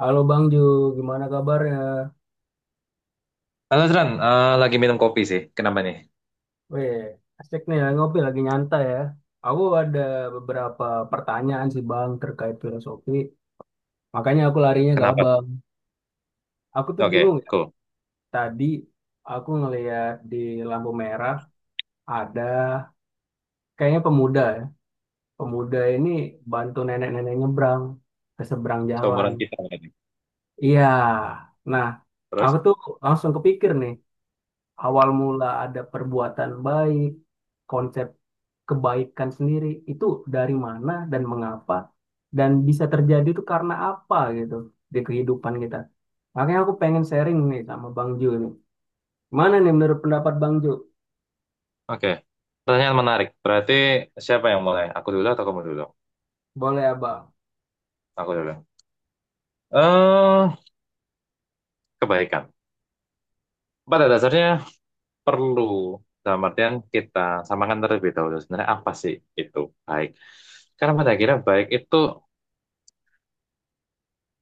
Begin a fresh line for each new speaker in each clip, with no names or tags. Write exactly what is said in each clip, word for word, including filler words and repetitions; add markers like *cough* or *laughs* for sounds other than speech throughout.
Halo Bang Ju, gimana kabarnya?
Halo Tran, Eh, lagi minum kopi sih. Kenapa nih?
Weh, asik nih ya, ngopi lagi nyantai ya. Aku ada beberapa pertanyaan sih Bang terkait filosofi, makanya aku larinya ke
Kenapa?
Abang. Aku tuh
Oke,
bingung ya,
cool.
tadi aku ngeliat di lampu merah ada kayaknya pemuda ya. Pemuda ini bantu nenek-nenek nyebrang ke seberang jalan.
Seumuran kita berarti.
Iya, nah aku
Terus?
tuh langsung kepikir nih, awal mula ada perbuatan baik, konsep kebaikan sendiri itu dari mana dan mengapa dan bisa terjadi itu karena apa gitu di kehidupan kita. Makanya aku pengen sharing nih sama Bang Ju nih. Mana nih menurut pendapat Bang Ju?
Oke. Pertanyaan menarik. Berarti siapa yang mulai? Aku dulu atau kamu dulu?
Boleh Abang.
Aku dulu. Eh, kebaikan. Pada dasarnya perlu. Dalam artian kita samakan terlebih dahulu. Sebenarnya apa sih itu baik? Karena pada akhirnya baik itu.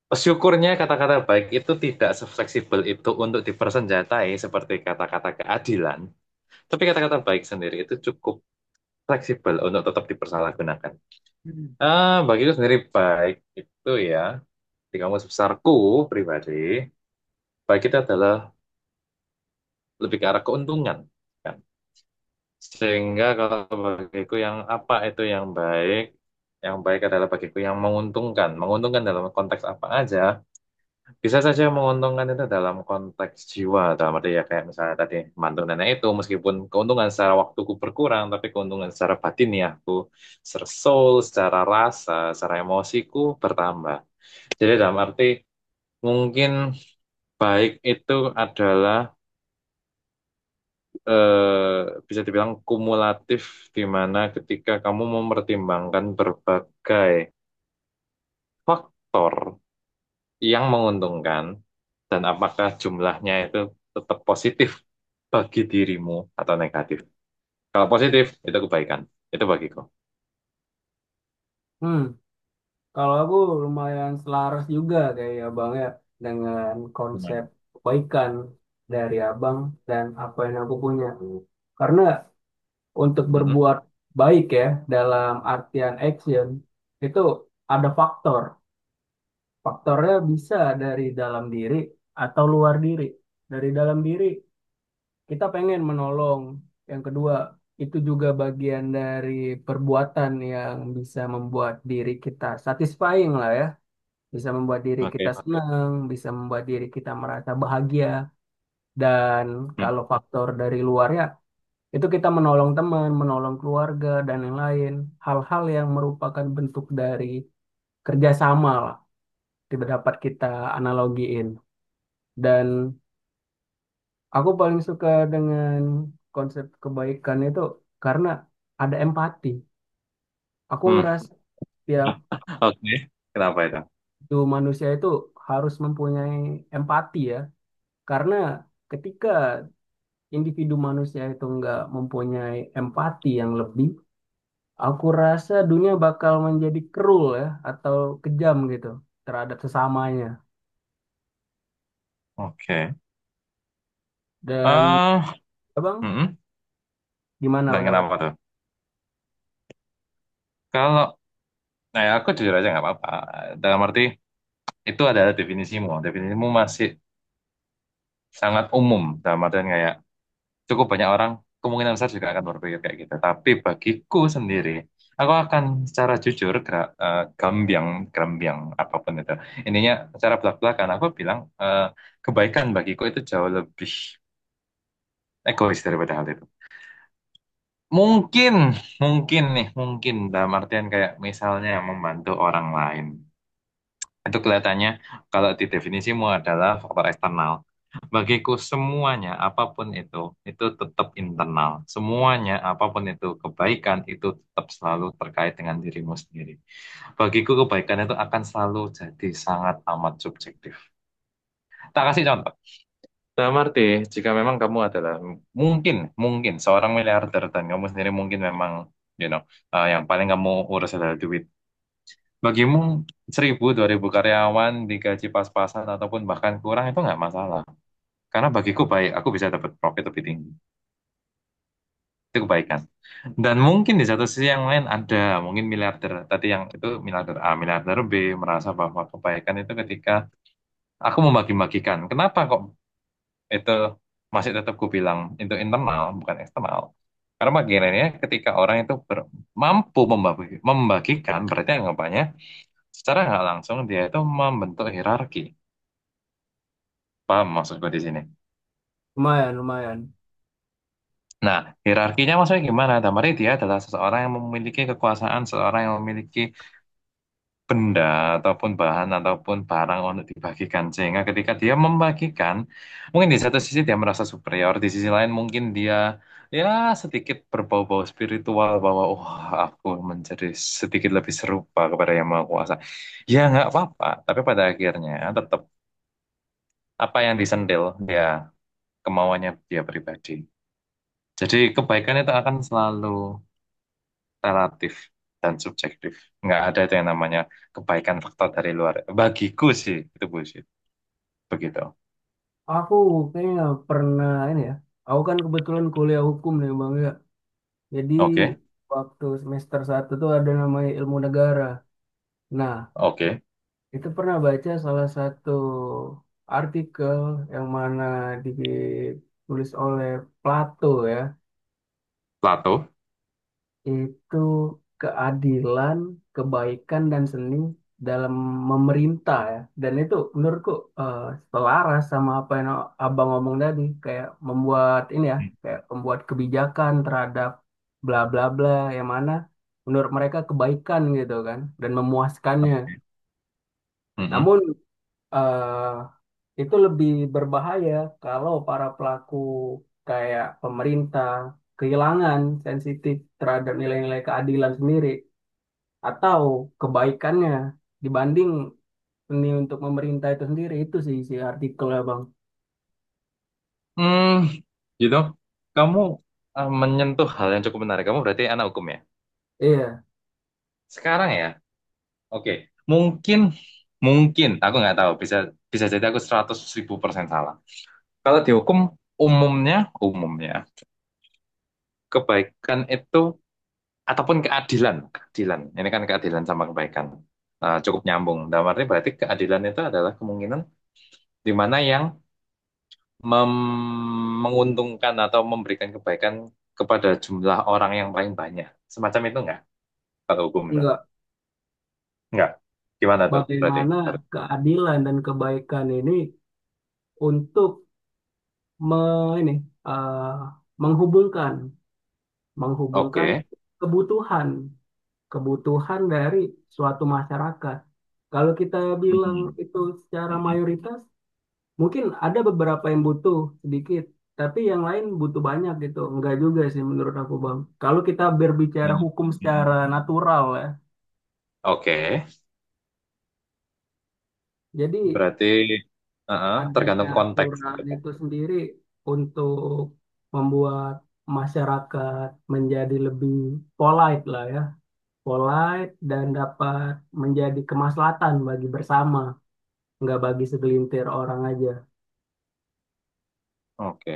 Syukurnya kata-kata baik itu tidak sefleksibel itu untuk dipersenjatai seperti kata-kata keadilan. Tapi kata-kata baik sendiri itu cukup fleksibel untuk tetap dipersalahgunakan. Hmm. Ah, bagiku sendiri baik itu ya, di kamus besarku pribadi, baik itu adalah lebih ke arah keuntungan, kan. Sehingga kalau bagiku yang apa itu yang baik, yang baik adalah bagiku yang menguntungkan. Menguntungkan dalam konteks apa aja, bisa saja menguntungkan itu dalam konteks jiwa, dalam arti ya kayak misalnya tadi mantu nenek itu meskipun keuntungan secara waktuku berkurang tapi keuntungan secara batin, ya aku secara soul, secara rasa, secara emosiku bertambah. Jadi dalam arti mungkin baik itu adalah eh, bisa dibilang kumulatif, di mana ketika kamu mempertimbangkan berbagai faktor yang menguntungkan dan apakah jumlahnya itu tetap positif bagi dirimu atau negatif. Kalau positif itu kebaikan, itu bagiku.
Hmm, kalau aku lumayan selaras juga kayak Abang ya dengan konsep
Lumayan.
kebaikan dari Abang dan apa yang aku punya. Karena untuk
Mm-mm.
berbuat baik ya, dalam artian action, itu ada faktor. Faktornya bisa dari dalam diri atau luar diri. Dari dalam diri kita pengen menolong. Yang kedua, itu juga bagian dari perbuatan yang bisa membuat diri kita satisfying lah ya. Bisa membuat diri kita
Oke.
senang, bisa membuat diri kita merasa bahagia. Dan
Hmm.
kalau faktor dari luarnya itu kita menolong teman, menolong keluarga, dan yang lain. Hal-hal yang merupakan bentuk dari kerjasama lah. Tidak dapat kita analogiin. Dan aku paling suka dengan konsep kebaikan itu karena ada empati. Aku
Hmm.
ngerasa tiap
*laughs* Oke. Kenapa itu?
itu manusia itu harus mempunyai empati ya. Karena ketika individu manusia itu nggak mempunyai empati yang lebih, aku rasa dunia bakal menjadi cruel ya, atau kejam gitu terhadap sesamanya.
Oke.
Dan
ah
abang
mm-mm.
gimana
Dan
pendapat?
kenapa tuh? Kalau, nah ya aku jujur aja nggak apa-apa. Dalam arti itu adalah definisimu. Definisimu masih sangat umum. Dalam artian kayak cukup banyak orang kemungkinan besar juga akan berpikir kayak gitu. Tapi bagiku sendiri, aku akan secara jujur gerak, eh, gambiang, gambiang apapun itu. Intinya secara belak-belakan aku bilang, eh, kebaikan bagiku itu jauh lebih egois daripada hal itu. Mungkin, mungkin nih, mungkin dalam artian kayak misalnya membantu orang lain. Itu kelihatannya kalau didefinisimu adalah faktor eksternal. Bagiku semuanya apapun itu, itu tetap internal. Semuanya apapun itu, kebaikan itu tetap selalu terkait dengan dirimu sendiri. Bagiku kebaikan itu akan selalu jadi sangat amat subjektif. Tak kasih contoh. Dalam arti, jika memang kamu adalah mungkin, mungkin seorang miliarder dan kamu sendiri mungkin memang, you know, eh, yang paling kamu urus adalah duit. Bagimu seribu dua ribu karyawan digaji pas-pasan ataupun bahkan kurang itu nggak masalah. Karena bagiku baik, aku bisa dapat profit lebih tinggi. Itu kebaikan. Dan mungkin di satu sisi yang lain ada, mungkin miliarder. Tadi yang itu miliarder A, miliarder B merasa bahwa kebaikan itu ketika aku membagi-bagikan. Kenapa kok itu masih tetap ku bilang itu internal bukan eksternal? Karena bagiannya ketika orang itu ber- mampu membagi- membagikan, berarti anggapannya secara nggak langsung dia itu membentuk hierarki. Paham maksudku di sini?
Lumayan, lumayan.
Nah, hierarkinya maksudnya gimana? Damari dia adalah seseorang yang memiliki kekuasaan, seseorang yang memiliki benda ataupun bahan ataupun barang untuk dibagikan. Sehingga ketika dia membagikan, mungkin di satu sisi dia merasa superior, di sisi lain mungkin dia ya sedikit berbau-bau spiritual bahwa wah aku menjadi sedikit lebih serupa kepada yang maha kuasa. Ya nggak apa-apa, tapi pada akhirnya tetap apa yang disentil dia kemauannya dia pribadi. Jadi kebaikan itu akan selalu relatif dan subjektif. Nggak ada itu yang namanya kebaikan faktor dari luar. Bagiku sih, itu bullshit. Begitu.
Aku kayaknya pernah ini ya. Aku kan kebetulan kuliah hukum nih bang ya. Jadi
Oke,
waktu semester satu tuh ada namanya ilmu negara. Nah
oke.
itu pernah baca salah satu artikel yang mana ditulis oleh Plato ya.
Plato.
Itu keadilan, kebaikan dan seni dalam memerintah ya. Dan itu menurutku eh, selaras sama apa yang Abang ngomong tadi, kayak membuat ini ya,
Hmm.
kayak membuat kebijakan terhadap bla bla bla yang mana menurut mereka kebaikan gitu kan dan memuaskannya.
Oke. Mm-mm.
Namun eh, itu lebih berbahaya kalau para pelaku kayak pemerintah kehilangan sensitif terhadap nilai-nilai keadilan sendiri atau kebaikannya dibanding ini untuk pemerintah itu sendiri, itu sih isi artikel ya bang.
Hmm, gitu. Kamu eh, menyentuh hal yang cukup menarik. Kamu berarti anak hukum ya?
Iya.
Sekarang ya? Oke. Mungkin, mungkin. Aku nggak tahu. Bisa bisa jadi aku seratus ribu persen salah. Kalau dihukum, umumnya, umumnya. Kebaikan itu ataupun keadilan, keadilan. Ini kan keadilan sama kebaikan. Eh, cukup nyambung. Dalam arti berarti keadilan itu adalah kemungkinan di mana yang mem- menguntungkan atau memberikan kebaikan kepada jumlah orang yang paling banyak. Semacam itu enggak? Kalau hukum itu?
Enggak,
Enggak. Gimana tuh berarti?
bagaimana
Harus-
keadilan dan kebaikan ini untuk me- ini eh, menghubungkan menghubungkan
Oke.
kebutuhan kebutuhan dari suatu masyarakat, kalau kita bilang
Mm-mm.
itu secara
Mm-mm.
mayoritas. Mungkin ada beberapa yang butuh sedikit, tapi yang lain butuh banyak gitu. Enggak juga sih menurut aku, Bang. Kalau kita berbicara hukum secara natural ya,
Oke.
jadi
Berarti eh, eh,
adanya
tergantung konteks
aturan
gitu.
itu sendiri untuk membuat masyarakat menjadi lebih polite lah ya. Polite dan dapat menjadi kemaslahatan bagi bersama, enggak bagi segelintir orang aja.
Oke.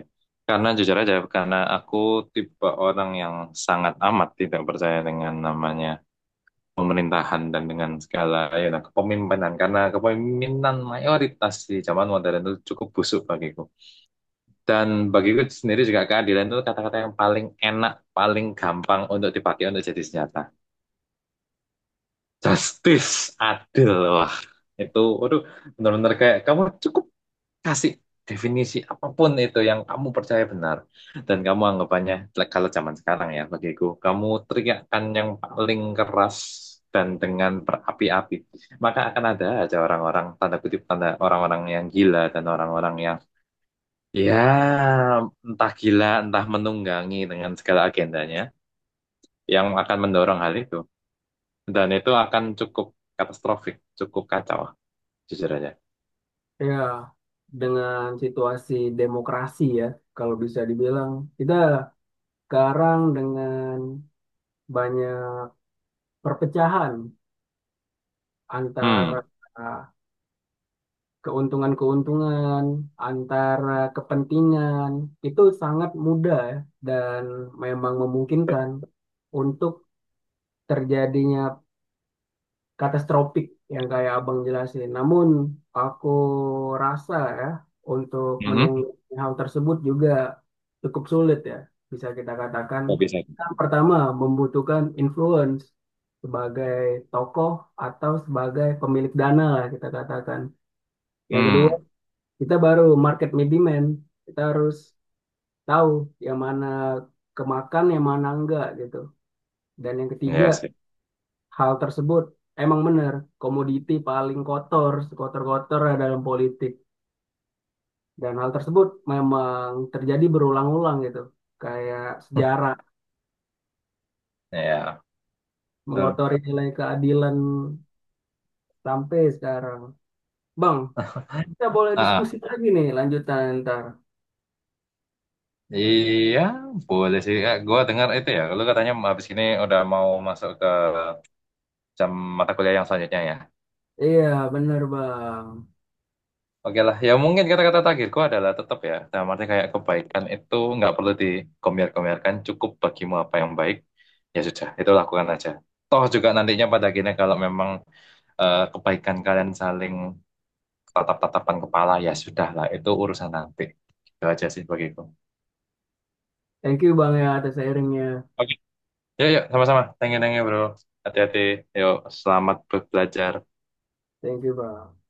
Karena jujur aja, karena aku tipe orang yang sangat amat tidak percaya dengan namanya pemerintahan dan dengan segala ya nah, kepemimpinan. Karena kepemimpinan mayoritas di zaman modern itu cukup busuk bagiku. Dan bagiku sendiri juga keadilan itu kata-kata yang paling enak, paling gampang untuk dipakai untuk jadi senjata. Justice, adil, wah. Itu, waduh, benar-benar kayak kamu cukup kasih definisi apapun itu yang kamu percaya benar dan kamu anggapannya like, kalau zaman sekarang ya bagiku kamu teriakkan yang paling keras dan dengan berapi-api maka akan ada aja orang-orang tanda kutip tanda orang-orang yang gila dan orang-orang yang ya entah gila entah menunggangi dengan segala agendanya yang akan mendorong hal itu dan itu akan cukup katastrofik, cukup kacau, jujur aja.
Ya, dengan situasi demokrasi ya, kalau bisa dibilang. Kita sekarang dengan banyak perpecahan
Hmm,
antara keuntungan-keuntungan, antara kepentingan, itu sangat mudah ya, dan memang
gitu.
memungkinkan untuk terjadinya katastropik yang kayak abang jelasin. Namun aku rasa ya untuk
Mhm.
menunggu hal tersebut juga cukup sulit ya. Bisa kita katakan,
Kok bisa?
yang pertama membutuhkan influence sebagai tokoh atau sebagai pemilik dana lah kita katakan. Yang kedua,
Hmm.
kita baru market middleman. Kita harus tahu yang mana kemakan yang mana enggak gitu. Dan yang ketiga,
Ya sih.
hal tersebut emang benar, komoditi paling kotor, kotor-kotor dalam politik. Dan hal tersebut memang terjadi berulang-ulang gitu. Kayak sejarah
Ya, betul.
mengotori nilai keadilan sampai sekarang. Bang, kita boleh
Ah,
diskusi
ah.
lagi nih lanjutan ntar.
Iya, boleh sih. Gue dengar itu ya. Lu katanya habis ini udah mau masuk ke jam mata kuliah yang selanjutnya ya.
Iya, benar Bang.
Oke lah, ya mungkin kata-kata terakhirku adalah tetap ya. Dalam arti kayak kebaikan itu nggak perlu dikomyar-komyarkan. Cukup bagimu apa yang baik, ya sudah. Itu lakukan aja. Toh juga nantinya pada akhirnya kalau memang eh, kebaikan kalian saling tatap-tatapan kepala, ya sudah lah. Itu urusan nanti. Itu aja sih bagiku.
Thank you Bang ya atas sharingnya.
Oke. Yuk, yuk, sama-sama. Thank you, thank you, bro. Hati-hati. Yuk, selamat belajar.
Thank you Bang.